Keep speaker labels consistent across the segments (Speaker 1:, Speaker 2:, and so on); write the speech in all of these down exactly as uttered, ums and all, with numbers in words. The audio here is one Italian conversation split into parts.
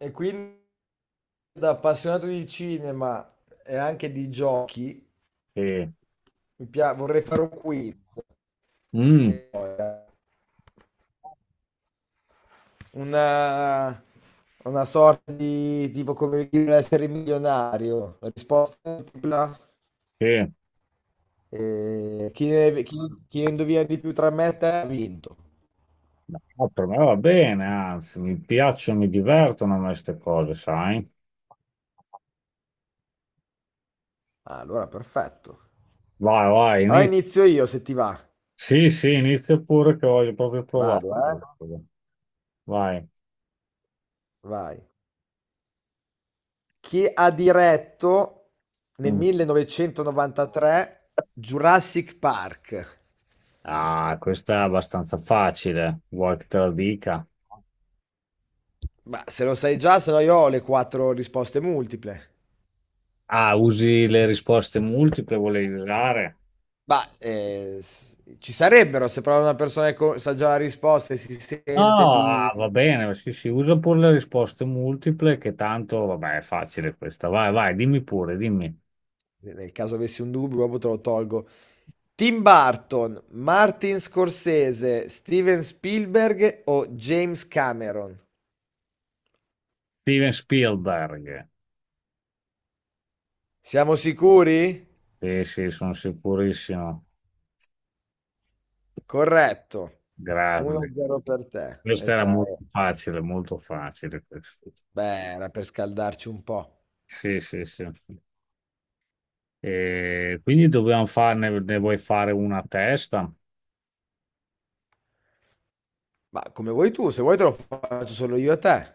Speaker 1: E quindi da appassionato di cinema e anche di giochi,
Speaker 2: Sì.
Speaker 1: mi pia- vorrei fare un quiz,
Speaker 2: Mm,
Speaker 1: una, una sorta di tipo come Chi vuole essere milionario, la risposta multipla,
Speaker 2: sì.
Speaker 1: e chi ne, chi, chi ne indovina di più tra me e te ha vinto.
Speaker 2: No, per me va bene, anzi, mi piacciono, mi divertono a me queste cose, sai?
Speaker 1: Ah, allora, perfetto.
Speaker 2: Vai, vai,
Speaker 1: Allora
Speaker 2: inizia.
Speaker 1: inizio io se ti va.
Speaker 2: Sì, sì, inizia pure che voglio proprio provare.
Speaker 1: Vado, eh?
Speaker 2: Vai.
Speaker 1: Vai. Che ha diretto nel
Speaker 2: Mm.
Speaker 1: millenovecentonovantatré Jurassic Park.
Speaker 2: Ah, questa è abbastanza facile, vuoi che te la dica?
Speaker 1: Ma se lo sai già, se no io ho le quattro risposte multiple.
Speaker 2: Ah, usi le risposte multiple, volevi usare?
Speaker 1: Ma eh, s- ci sarebbero se però una persona che co- sa già la risposta e si
Speaker 2: No,
Speaker 1: sente
Speaker 2: ah,
Speaker 1: di...
Speaker 2: va bene, sì, sì, usa pure le risposte multiple, che tanto, vabbè, è facile questa. Vai, vai, dimmi pure, dimmi.
Speaker 1: se Nel caso avessi un dubbio, proprio te lo tolgo. Tim Burton, Martin Scorsese, Steven Spielberg o James Cameron?
Speaker 2: Steven Spielberg.
Speaker 1: Siamo sicuri?
Speaker 2: Sì, sì, sono sicurissimo.
Speaker 1: Corretto.
Speaker 2: Grande.
Speaker 1: uno a zero per te.
Speaker 2: Questa era
Speaker 1: Questa è-
Speaker 2: molto facile, molto facile questa.
Speaker 1: beh, era per scaldarci un po'.
Speaker 2: Sì, sì, sì. E quindi dobbiamo farne, ne vuoi fare una a testa?
Speaker 1: Ma come vuoi tu, se vuoi te lo faccio solo io a te.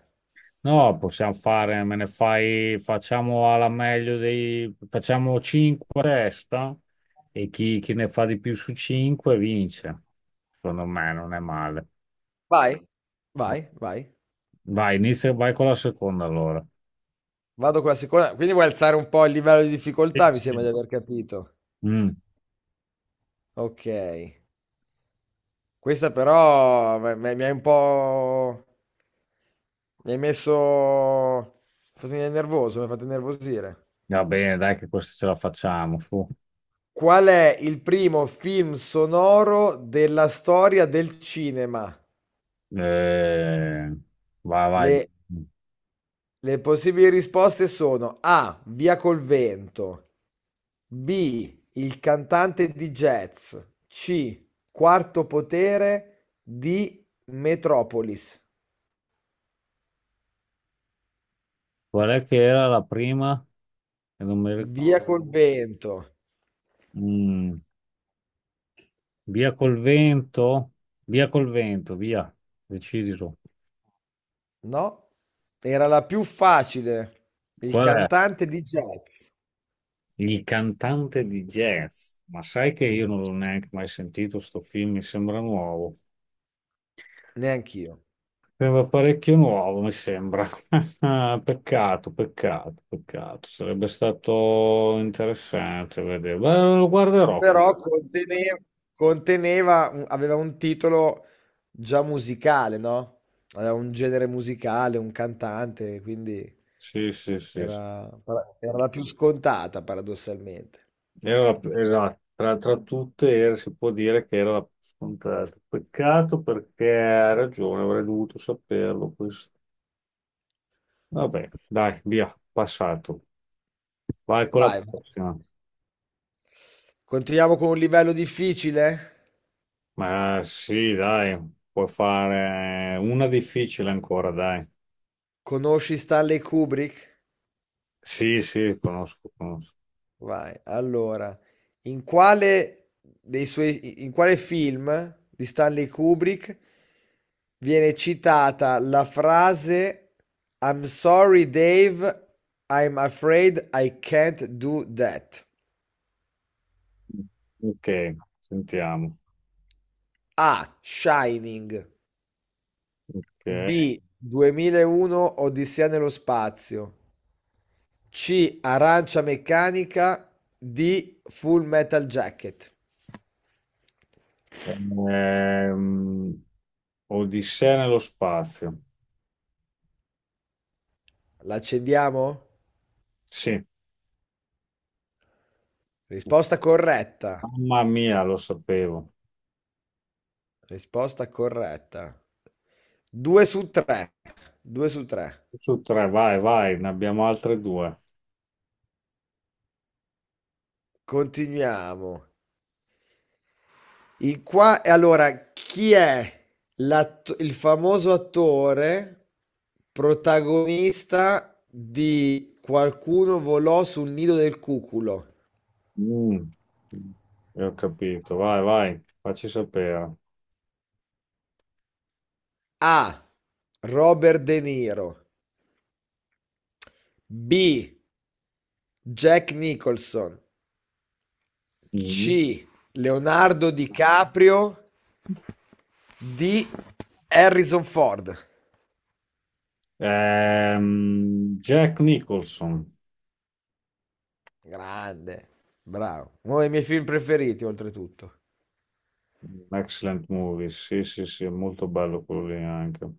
Speaker 2: No, possiamo fare, me ne fai, facciamo alla meglio dei, facciamo cinque a testa e chi, chi ne fa di più su cinque vince. Secondo me non è male.
Speaker 1: Vai. Vai, vai.
Speaker 2: Vai, inizia, vai con la seconda allora.
Speaker 1: Vado con la seconda. Quindi vuoi alzare un po' il livello di
Speaker 2: Sì,
Speaker 1: difficoltà, mi sembra
Speaker 2: sì.
Speaker 1: di aver capito.
Speaker 2: Mm,
Speaker 1: Okay. Questa però me me mi hai un po' mi hai messo mi hai fatto venire nervoso, mi hai fatto innervosire.
Speaker 2: Va bene, dai che questa ce la facciamo, su.
Speaker 1: Qual è il primo film sonoro della storia del cinema?
Speaker 2: Eh, Vai, vai.
Speaker 1: Le, le possibili risposte sono A, Via col vento, B, Il cantante di jazz, C, Quarto potere, D, Metropolis.
Speaker 2: Qual è che era la prima? Che non mi
Speaker 1: Via
Speaker 2: ricordo.
Speaker 1: col Oh. vento.
Speaker 2: Mm, via col vento? Via col vento, via. Decidi tu.
Speaker 1: No, era la più facile. Il
Speaker 2: Qual è?
Speaker 1: cantante di jazz.
Speaker 2: Il cantante di jazz. Ma sai che io non l'ho neanche mai sentito sto film, mi sembra nuovo.
Speaker 1: Neanch'io.
Speaker 2: Sembra parecchio nuovo, mi sembra. Peccato, peccato, peccato. Sarebbe stato interessante vedere. Beh, lo guarderò. com-
Speaker 1: Però conteneva, conteneva un- aveva un titolo già musicale, no? Aveva un genere musicale, un cantante, quindi
Speaker 2: Sì, sì, sì, sì.
Speaker 1: era, era la più scontata, paradossalmente.
Speaker 2: Era la- esatto, tra, tra tutte era- si può dire che era la più scontata. Peccato perché ha ragione, avrei dovuto saperlo questo. Vabbè, dai, via, passato. Vai con la
Speaker 1: Vai, vai.
Speaker 2: prossima.
Speaker 1: Continuiamo con un livello difficile.
Speaker 2: Ma sì, dai, puoi fare una difficile ancora, dai.
Speaker 1: Conosci Stanley Kubrick?
Speaker 2: Sì, sì, conosco, conosco.
Speaker 1: Vai, allora, in quale, dei suoi, in quale film di Stanley Kubrick viene citata la frase I'm sorry, Dave, I'm afraid I can't do that?
Speaker 2: Ok, sentiamo.
Speaker 1: A. Shining.
Speaker 2: Ok.
Speaker 1: B. duemilauno Odissea nello spazio. C. Arancia meccanica. D. Full Metal Jacket.
Speaker 2: Ehm, Odissea nello spazio.
Speaker 1: L'accendiamo?
Speaker 2: Sì,
Speaker 1: Risposta corretta.
Speaker 2: mamma mia, lo sapevo.
Speaker 1: Risposta corretta. due su tre. due su tre.
Speaker 2: Su tre, vai, vai, ne abbiamo altre due.
Speaker 1: Continuiamo. In qua e Allora chi è l'att- il famoso attore protagonista di Qualcuno volò sul nido del cuculo?
Speaker 2: Mm, io ho capito, vai, vai, facci sapere.
Speaker 1: A. Robert De Niro. B. Jack Nicholson.
Speaker 2: Mm.
Speaker 1: C. Leonardo DiCaprio. D. Harrison Ford.
Speaker 2: Ehm, Jack Nicholson,
Speaker 1: Grande, bravo. Uno dei miei film preferiti, oltretutto.
Speaker 2: excellent movie, sì, sì, sì, è molto bello quello lì anche.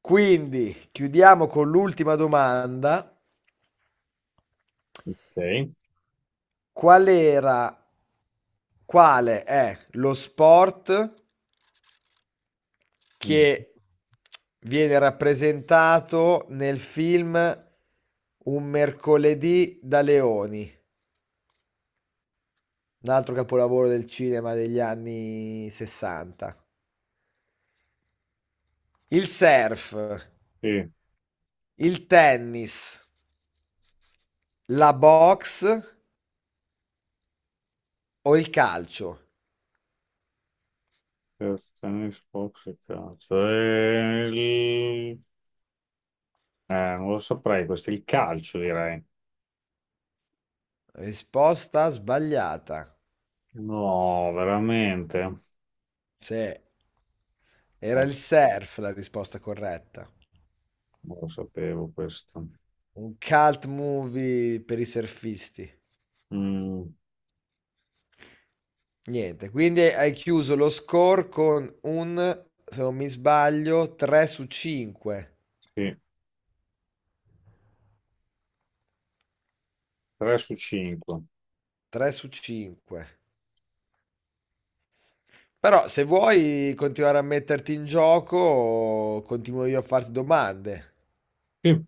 Speaker 1: Quindi, chiudiamo con l'ultima domanda.
Speaker 2: Ok.
Speaker 1: Qual era Quale è lo sport
Speaker 2: Mm.
Speaker 1: che viene rappresentato nel film Un mercoledì da leoni, un altro capolavoro del cinema degli anni sessanta. Il surf,
Speaker 2: Sì,
Speaker 1: il tennis, la box o il calcio?
Speaker 2: per tennis, box e calcio. E il- eh, non lo saprei, questo è il calcio, direi.
Speaker 1: Risposta sbagliata.
Speaker 2: No, veramente?
Speaker 1: Sì, era
Speaker 2: Eh,
Speaker 1: il surf la risposta corretta.
Speaker 2: non lo sapevo questo.
Speaker 1: Un cult movie per i surfisti.
Speaker 2: Mm,
Speaker 1: Niente, quindi hai chiuso lo score con un, se non mi sbaglio, tre su cinque.
Speaker 2: sì. tre su cinque.
Speaker 1: tre su cinque. Però se vuoi continuare a metterti in gioco, continuo io a farti domande.
Speaker 2: Sì.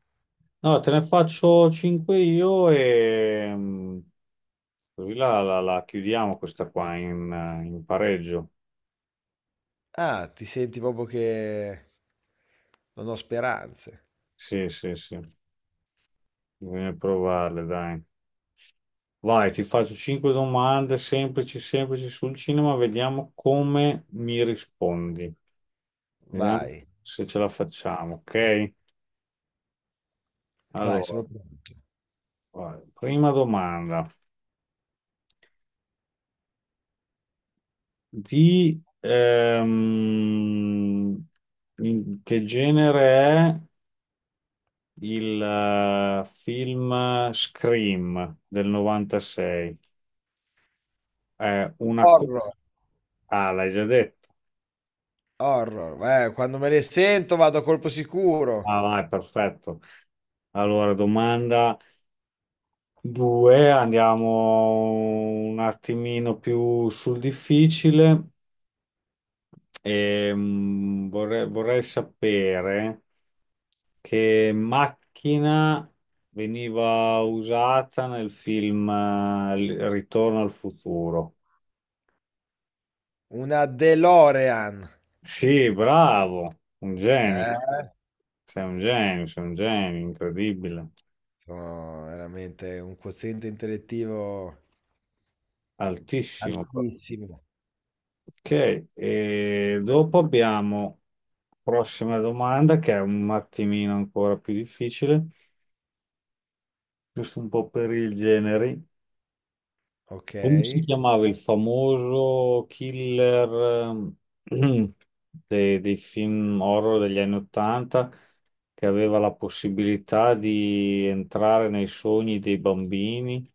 Speaker 2: Allora, te ne faccio cinque io e mm, così la, la- la chiudiamo questa qua in, eh, in pareggio.
Speaker 1: Ah, ti senti proprio che non ho speranze.
Speaker 2: Sì, sì, sì. Bisogna provarle, dai. Vai, ti faccio cinque domande semplici, semplici sul cinema, vediamo come mi rispondi. Vediamo
Speaker 1: Vai.
Speaker 2: se ce la facciamo, ok?
Speaker 1: Vai, sono
Speaker 2: Allora,
Speaker 1: pronto.
Speaker 2: vai. Prima domanda. Di ehm, In che genere è? Il eh, film Scream del novantasei è una... co-
Speaker 1: Horror,
Speaker 2: Ah, l'hai già detto.
Speaker 1: horror. Eh, quando me ne sento vado a colpo sicuro.
Speaker 2: Ah, vai, perfetto. Allora, domanda due, andiamo un attimino più sul difficile. Ehm, vorrei, vorrei sapere che macchina veniva usata nel film eh, Ritorno al futuro.
Speaker 1: Una DeLorean.
Speaker 2: Sì, bravo, un genio.
Speaker 1: Eh,
Speaker 2: Sei un genio, sei un genio, incredibile,
Speaker 1: sono veramente un quoziente intellettivo
Speaker 2: altissimo.
Speaker 1: altissimo.
Speaker 2: Ok, e dopo abbiamo prossima domanda che è un attimino ancora più difficile, giusto un po' per il genere.
Speaker 1: Ok.
Speaker 2: Come si chiamava il famoso killer ehm, de- dei film horror degli anni Ottanta che aveva la possibilità di entrare nei sogni dei bambini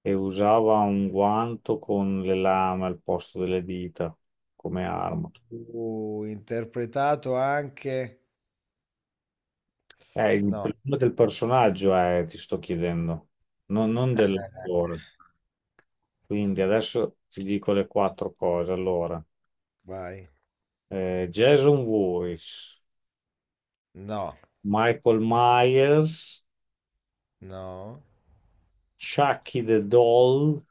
Speaker 2: e usava un guanto con le lame al posto delle dita come arma?
Speaker 1: Uh, interpretato anche...
Speaker 2: Eh, il
Speaker 1: No.
Speaker 2: problema del personaggio è, ti sto chiedendo, non, non
Speaker 1: Eh,
Speaker 2: dell'attore. Quindi adesso ti dico le quattro cose. Allora,
Speaker 1: Vai.
Speaker 2: eh, Jason Voorhees.
Speaker 1: No.
Speaker 2: Michael Myers,
Speaker 1: No.
Speaker 2: Chucky the Doll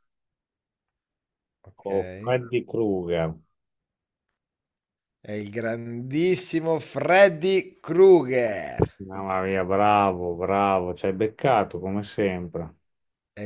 Speaker 1: Ok.
Speaker 2: o Freddy Krueger.
Speaker 1: È il grandissimo Freddy Krueger.
Speaker 2: Mamma mia, bravo, bravo, ci hai beccato come sempre.
Speaker 1: E